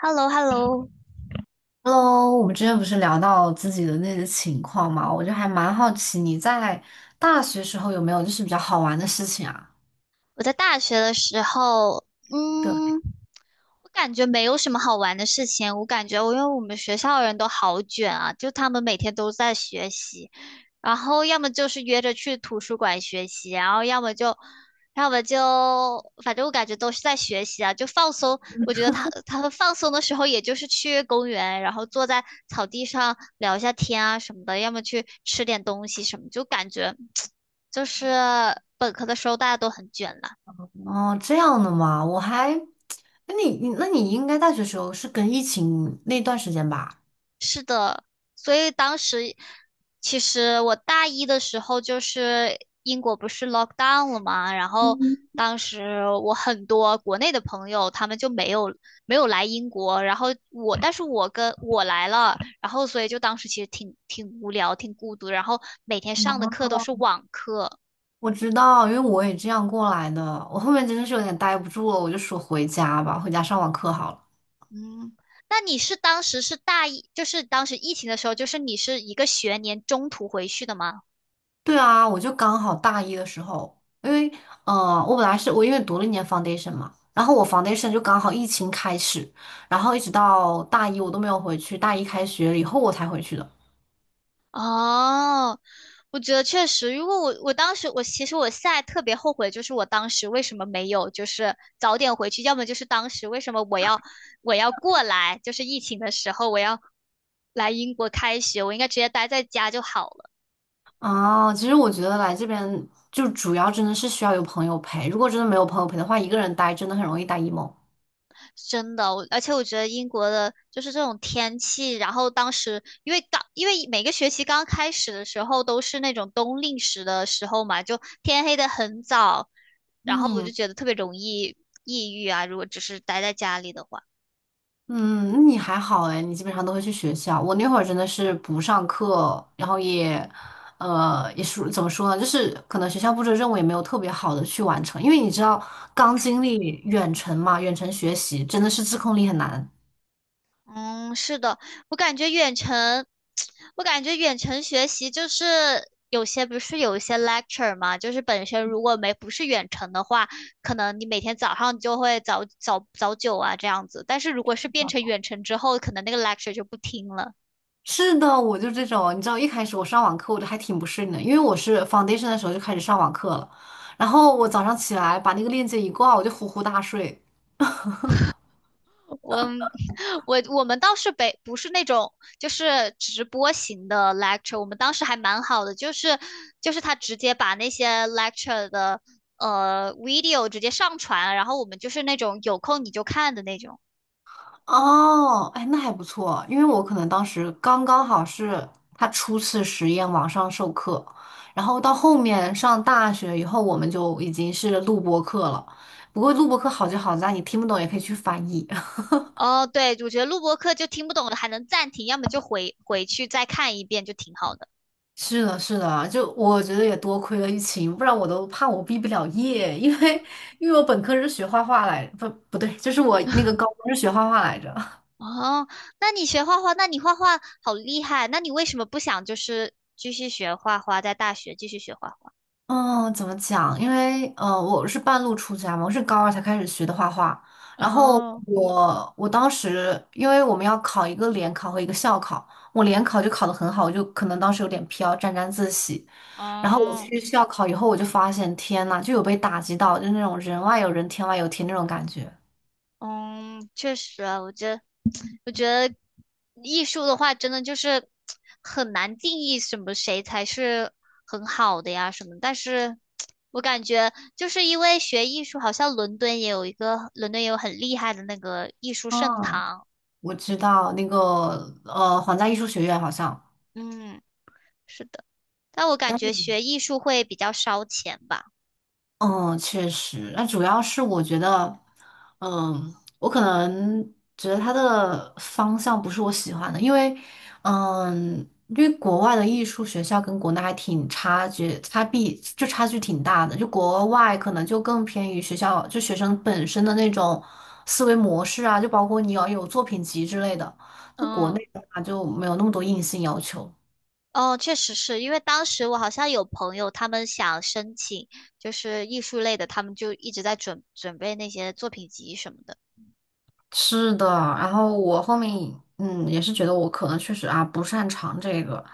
h e l l o h e l l o Hello，我们之前不是聊到自己的那些情况嘛，我就还蛮好奇你在大学时候有没有就是比较好玩的事情啊？我在大学的时候，对。嗯，我感觉没有什么好玩的事情。我感觉我因为我们学校人都好卷啊，就他们每天都在学习，然后要么就是约着去图书馆学习，然后要么就，要么就，反正我感觉都是在学习啊，就放松。我觉得他们放松的时候，也就是去公园，然后坐在草地上聊一下天啊什么的，要么去吃点东西什么，就感觉 就是本科的时候大家都很卷了。哦，这样的嘛，我还，那你应该大学时候是跟疫情那段时间吧？是的，所以当时其实我大一的时候，就是英国不是 lockdown 了嘛，然后嗯。当时我很多国内的朋友他们就没有来英国，然后但是我来了，然后所以就当时其实挺无聊、挺孤独，然后每天上的嗯课都是网课。我知道，因为我也这样过来的，我后面真的是有点待不住了，我就说回家吧，回家上网课好了。嗯，那你是当时是大一，就是当时疫情的时候，就是你是一个学年中途回去的吗？对啊，我就刚好大一的时候，因为我本来因为读了一年 foundation 嘛，然后我 foundation 就刚好疫情开始，然后一直到大一我都没有回去，大一开学了以后我才回去的。哦，我觉得确实，如果我我当时我其实我现在特别后悔，就是我当时为什么没有就是早点回去，要么就是当时为什么我要过来，就是疫情的时候我要来英国开学，我应该直接待在家就好了。啊，其实我觉得来这边就主要真的是需要有朋友陪，如果真的没有朋友陪的话，一个人待真的很容易待 emo。真的，而且我觉得英国的就是这种天气，然后当时因为因为每个学期刚开始的时候都是那种冬令时的时候嘛，就天黑的很早，然后我就嗯。觉得特别容易抑郁啊，如果只是待在家里的话。嗯，那你还好哎，你基本上都会去学校。我那会儿真的是不上课，然后也，也是怎么说呢，就是可能学校布置的任务也没有特别好的去完成，因为你知道刚经历远程嘛，远程学习真的是自控力很难。嗯，是的，我感觉远程，我感觉远程学习就是有些不是有一些 lecture 嘛，就是本身如果没不是远程的话，可能你每天早上就会早九啊这样子，但是如果是变成远程之后，可能那个 lecture 就不听了。是的，我就这种，你知道一开始我上网课我就还挺不适应的，因为我是 foundation 的时候就开始上网课了，然后我早上起来把那个链接一挂，我就呼呼大睡。我我们倒是不是那种就是直播型的 lecture，我们当时还蛮好的，就是他直接把那些 lecture 的呃 video 直接上传，然后我们就是那种有空你就看的那种。哦，哎，那还不错，因为我可能当时刚刚好是他初次实验网上授课，然后到后面上大学以后，我们就已经是录播课了。不过录播课好就好在你听不懂也可以去翻译。哦，对，我觉得录播课就听不懂的还能暂停，要么就回去再看一遍，就挺好的。是的，是的，就我觉得也多亏了疫情，不然我都怕我毕不了业，因为因为我本科是学画画来，不对，就是我那个高中是学画画来着。哦，那你学画画，那你画画好厉害，那你为什么不想就是继续学画画，在大学继续学画画？嗯，怎么讲？因为我是半路出家嘛，我是高二才开始学的画画。然后哦我当时因为我们要考一个联考和一个校考，我联考就考得很好，我就可能当时有点飘，沾沾自喜。然后我哦，去校考以后，我就发现天呐，就有被打击到，就是那种人外有人，天外有天那种感觉。嗯，确实啊，我觉得艺术的话，真的就是很难定义什么谁才是很好的呀什么。但是，我感觉就是因为学艺术，好像伦敦也有很厉害的那个艺术圣嗯，堂。我知道那个皇家艺术学院好像。嗯，是的，但我感但觉学是。艺术会比较烧钱吧。嗯，确实，那主要是我觉得，嗯，我可能觉得它的方向不是我喜欢的，因为，嗯，因为国外的艺术学校跟国内还挺差距，差别就差距挺大的。就国外可能就更偏于学校，就学生本身的那种思维模式啊，就包括你要有作品集之类的。那国嗯。内的话就没有那么多硬性要求。哦，确实是因为当时我好像有朋友，他们想申请就是艺术类的，他们就一直在准备那些作品集什么的。是的，然后我后面嗯也是觉得我可能确实啊不擅长这个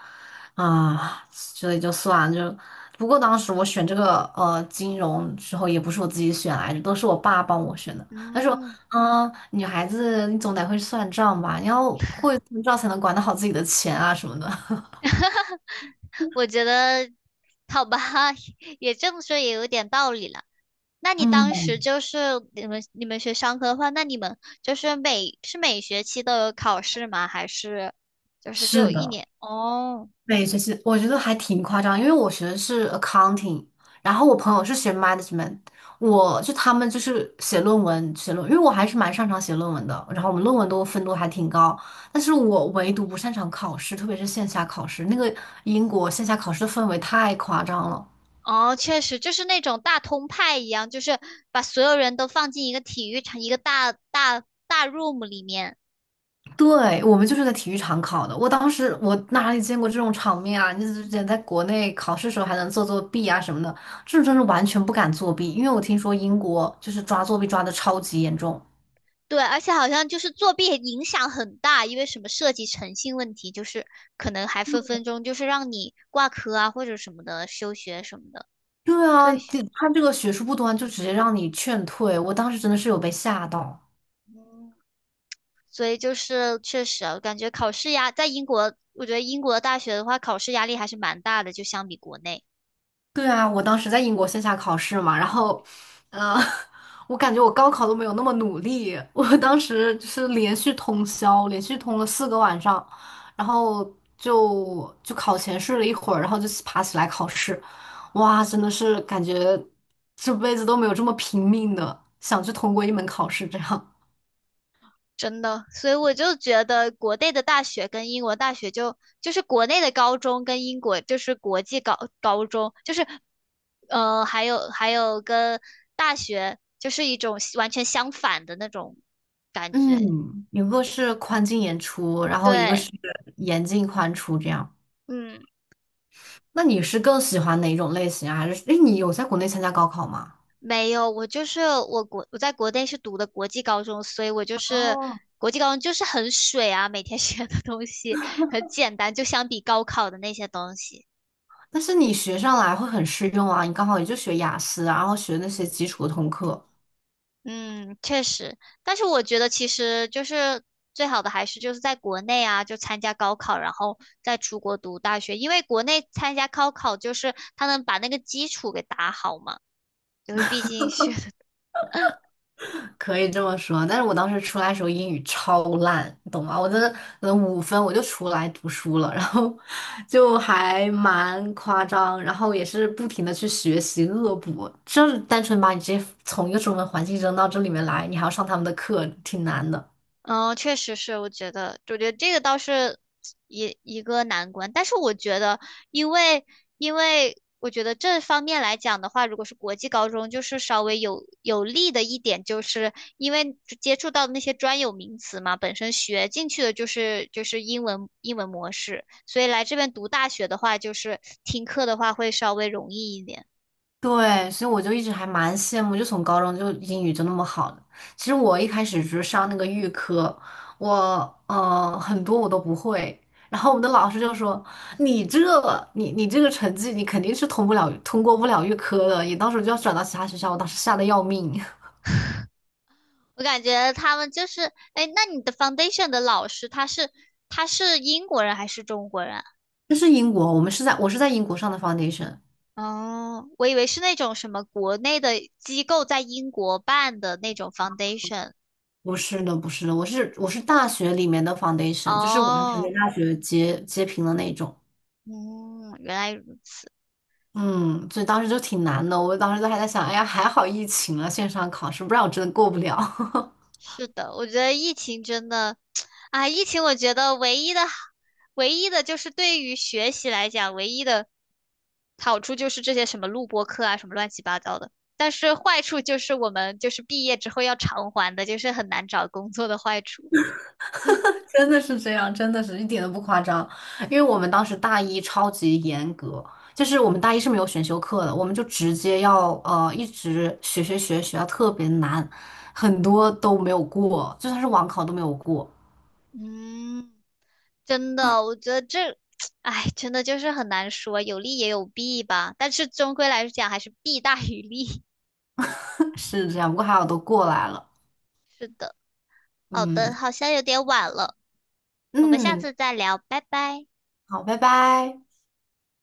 啊，所以就算了就。不过当时我选这个金融时候也不是我自己选来的，都是我爸帮我选的。他说，嗯，嗯，女孩子你总得会算账吧，你要会算账才能管得好自己的钱啊什么的。我觉得好吧，也这么说也有点道理了。那你嗯，当时就是你们学商科的话，那你们就是每学期都有考试吗？还是就是是就一的。年？哦。对，其实我觉得还挺夸张，因为我学的是 accounting，然后我朋友是学 management，他们就是写论文，因为我还是蛮擅长写论文的，然后我们论文都分都还挺高，但是我唯独不擅长考试，特别是线下考试，那个英国线下考试的氛围太夸张了。哦，确实就是那种大通派一样，就是把所有人都放进一个体育场，一个大 room 里面。对，我们就是在体育场考的。我当时我哪里见过这种场面啊？你之前在国内考试的时候还能做作弊啊什么的，这种真是完全不敢作弊，因为我听说英国就是抓作弊抓的超级严重。对，而且好像就是作弊影响很大，因为什么涉及诚信问题，就是可能还分分钟就是让你挂科啊，或者什么的，休学什么的，对啊，退学。这个学术不端就直接让你劝退，我当时真的是有被吓到。嗯，所以就是确实啊，我感觉考试压在英国，我觉得英国的大学的话，考试压力还是蛮大的，就相比国内。对啊，我当时在英国线下考试嘛，然后，呃，我感觉我高考都没有那么努力，我当时就是连续通宵，连续通了四个晚上，然后就考前睡了一会儿，然后就爬起来考试，哇，真的是感觉这辈子都没有这么拼命的想去通过一门考试这样。真的，所以我就觉得国内的大学跟英国大学就就是国内的高中跟英国就是国际高中，就是呃还有跟大学就是一种完全相反的那种感觉。嗯，一个是宽进严出，然后一个对，是严进宽出这样。嗯，那你是更喜欢哪种类型啊？还是，诶，你有在国内参加高考吗？没有，我就是我国我在国内是读的国际高中，所以我就是哦，国际高中就是很水啊，每天学的东西很简单，就相比高考的那些东西。但是你学上来会很适用啊，你刚好也就学雅思啊然后学那些基础的通课，嗯，确实，但是我觉得其实就是最好的还是就是在国内啊，就参加高考，然后再出国读大学，因为国内参加高考就是他能把那个基础给打好嘛，就是毕竟是 可以这么说。但是我当时出来的时候英语超烂，你懂吗？我真的可能五分我就出来读书了，然后就还蛮夸张，然后也是不停的去学习恶补，就是单纯把你直接从一个中文环境扔到这里面来，你还要上他们的课，挺难的。嗯，确实是，我觉得这个倒是一个难关，但是我觉得，因为因为我觉得这方面来讲的话，如果是国际高中，就是稍微有利的一点，就是因为接触到的那些专有名词嘛，本身学进去的就是英文模式，所以来这边读大学的话，就是听课的话会稍微容易一点。对，所以我就一直还蛮羡慕，就从高中就英语就那么好的。其实我一开始只是上那个预科，我很多我都不会。然后我们的老师就说：“你这你这个成绩，你肯定是通过不了预科的，你到时候就要转到其他学校。”我当时吓得要命。我感觉他们就是，哎，那你的 foundation 的老师他是英国人还是中国人啊？ 这是英国，我是在英国上的 foundation。哦，我以为是那种什么国内的机构在英国办的那种 foundation。不是的，不是的，我是大学里面的 foundation，就是完全哦，跟大学截平的那种。嗯，原来如此。嗯，所以当时就挺难的。我当时都还在想，哎呀，还好疫情了，线上考试，不然我真的过不了。是的，我觉得疫情真的，啊，疫情我觉得唯一的就是对于学习来讲，唯一的好处就是这些什么录播课啊，什么乱七八糟的。但是坏处就是我们就是毕业之后要偿还的，就是很难找工作的坏处。真的是这样，真的是一点都不夸张。因为我们当时大一超级严格，就是我们大一是没有选修课的，我们就直接要一直学，学到特别难，很多都没有过，就算是网考都没有过。嗯。真的，我觉得这，哎，真的就是很难说，有利也有弊吧。但是终归来讲，还是弊大于利。是这样，不过还好都过来了。好嗯的，好像有点晚了，我们下嗯，次再聊，拜拜。好，拜拜。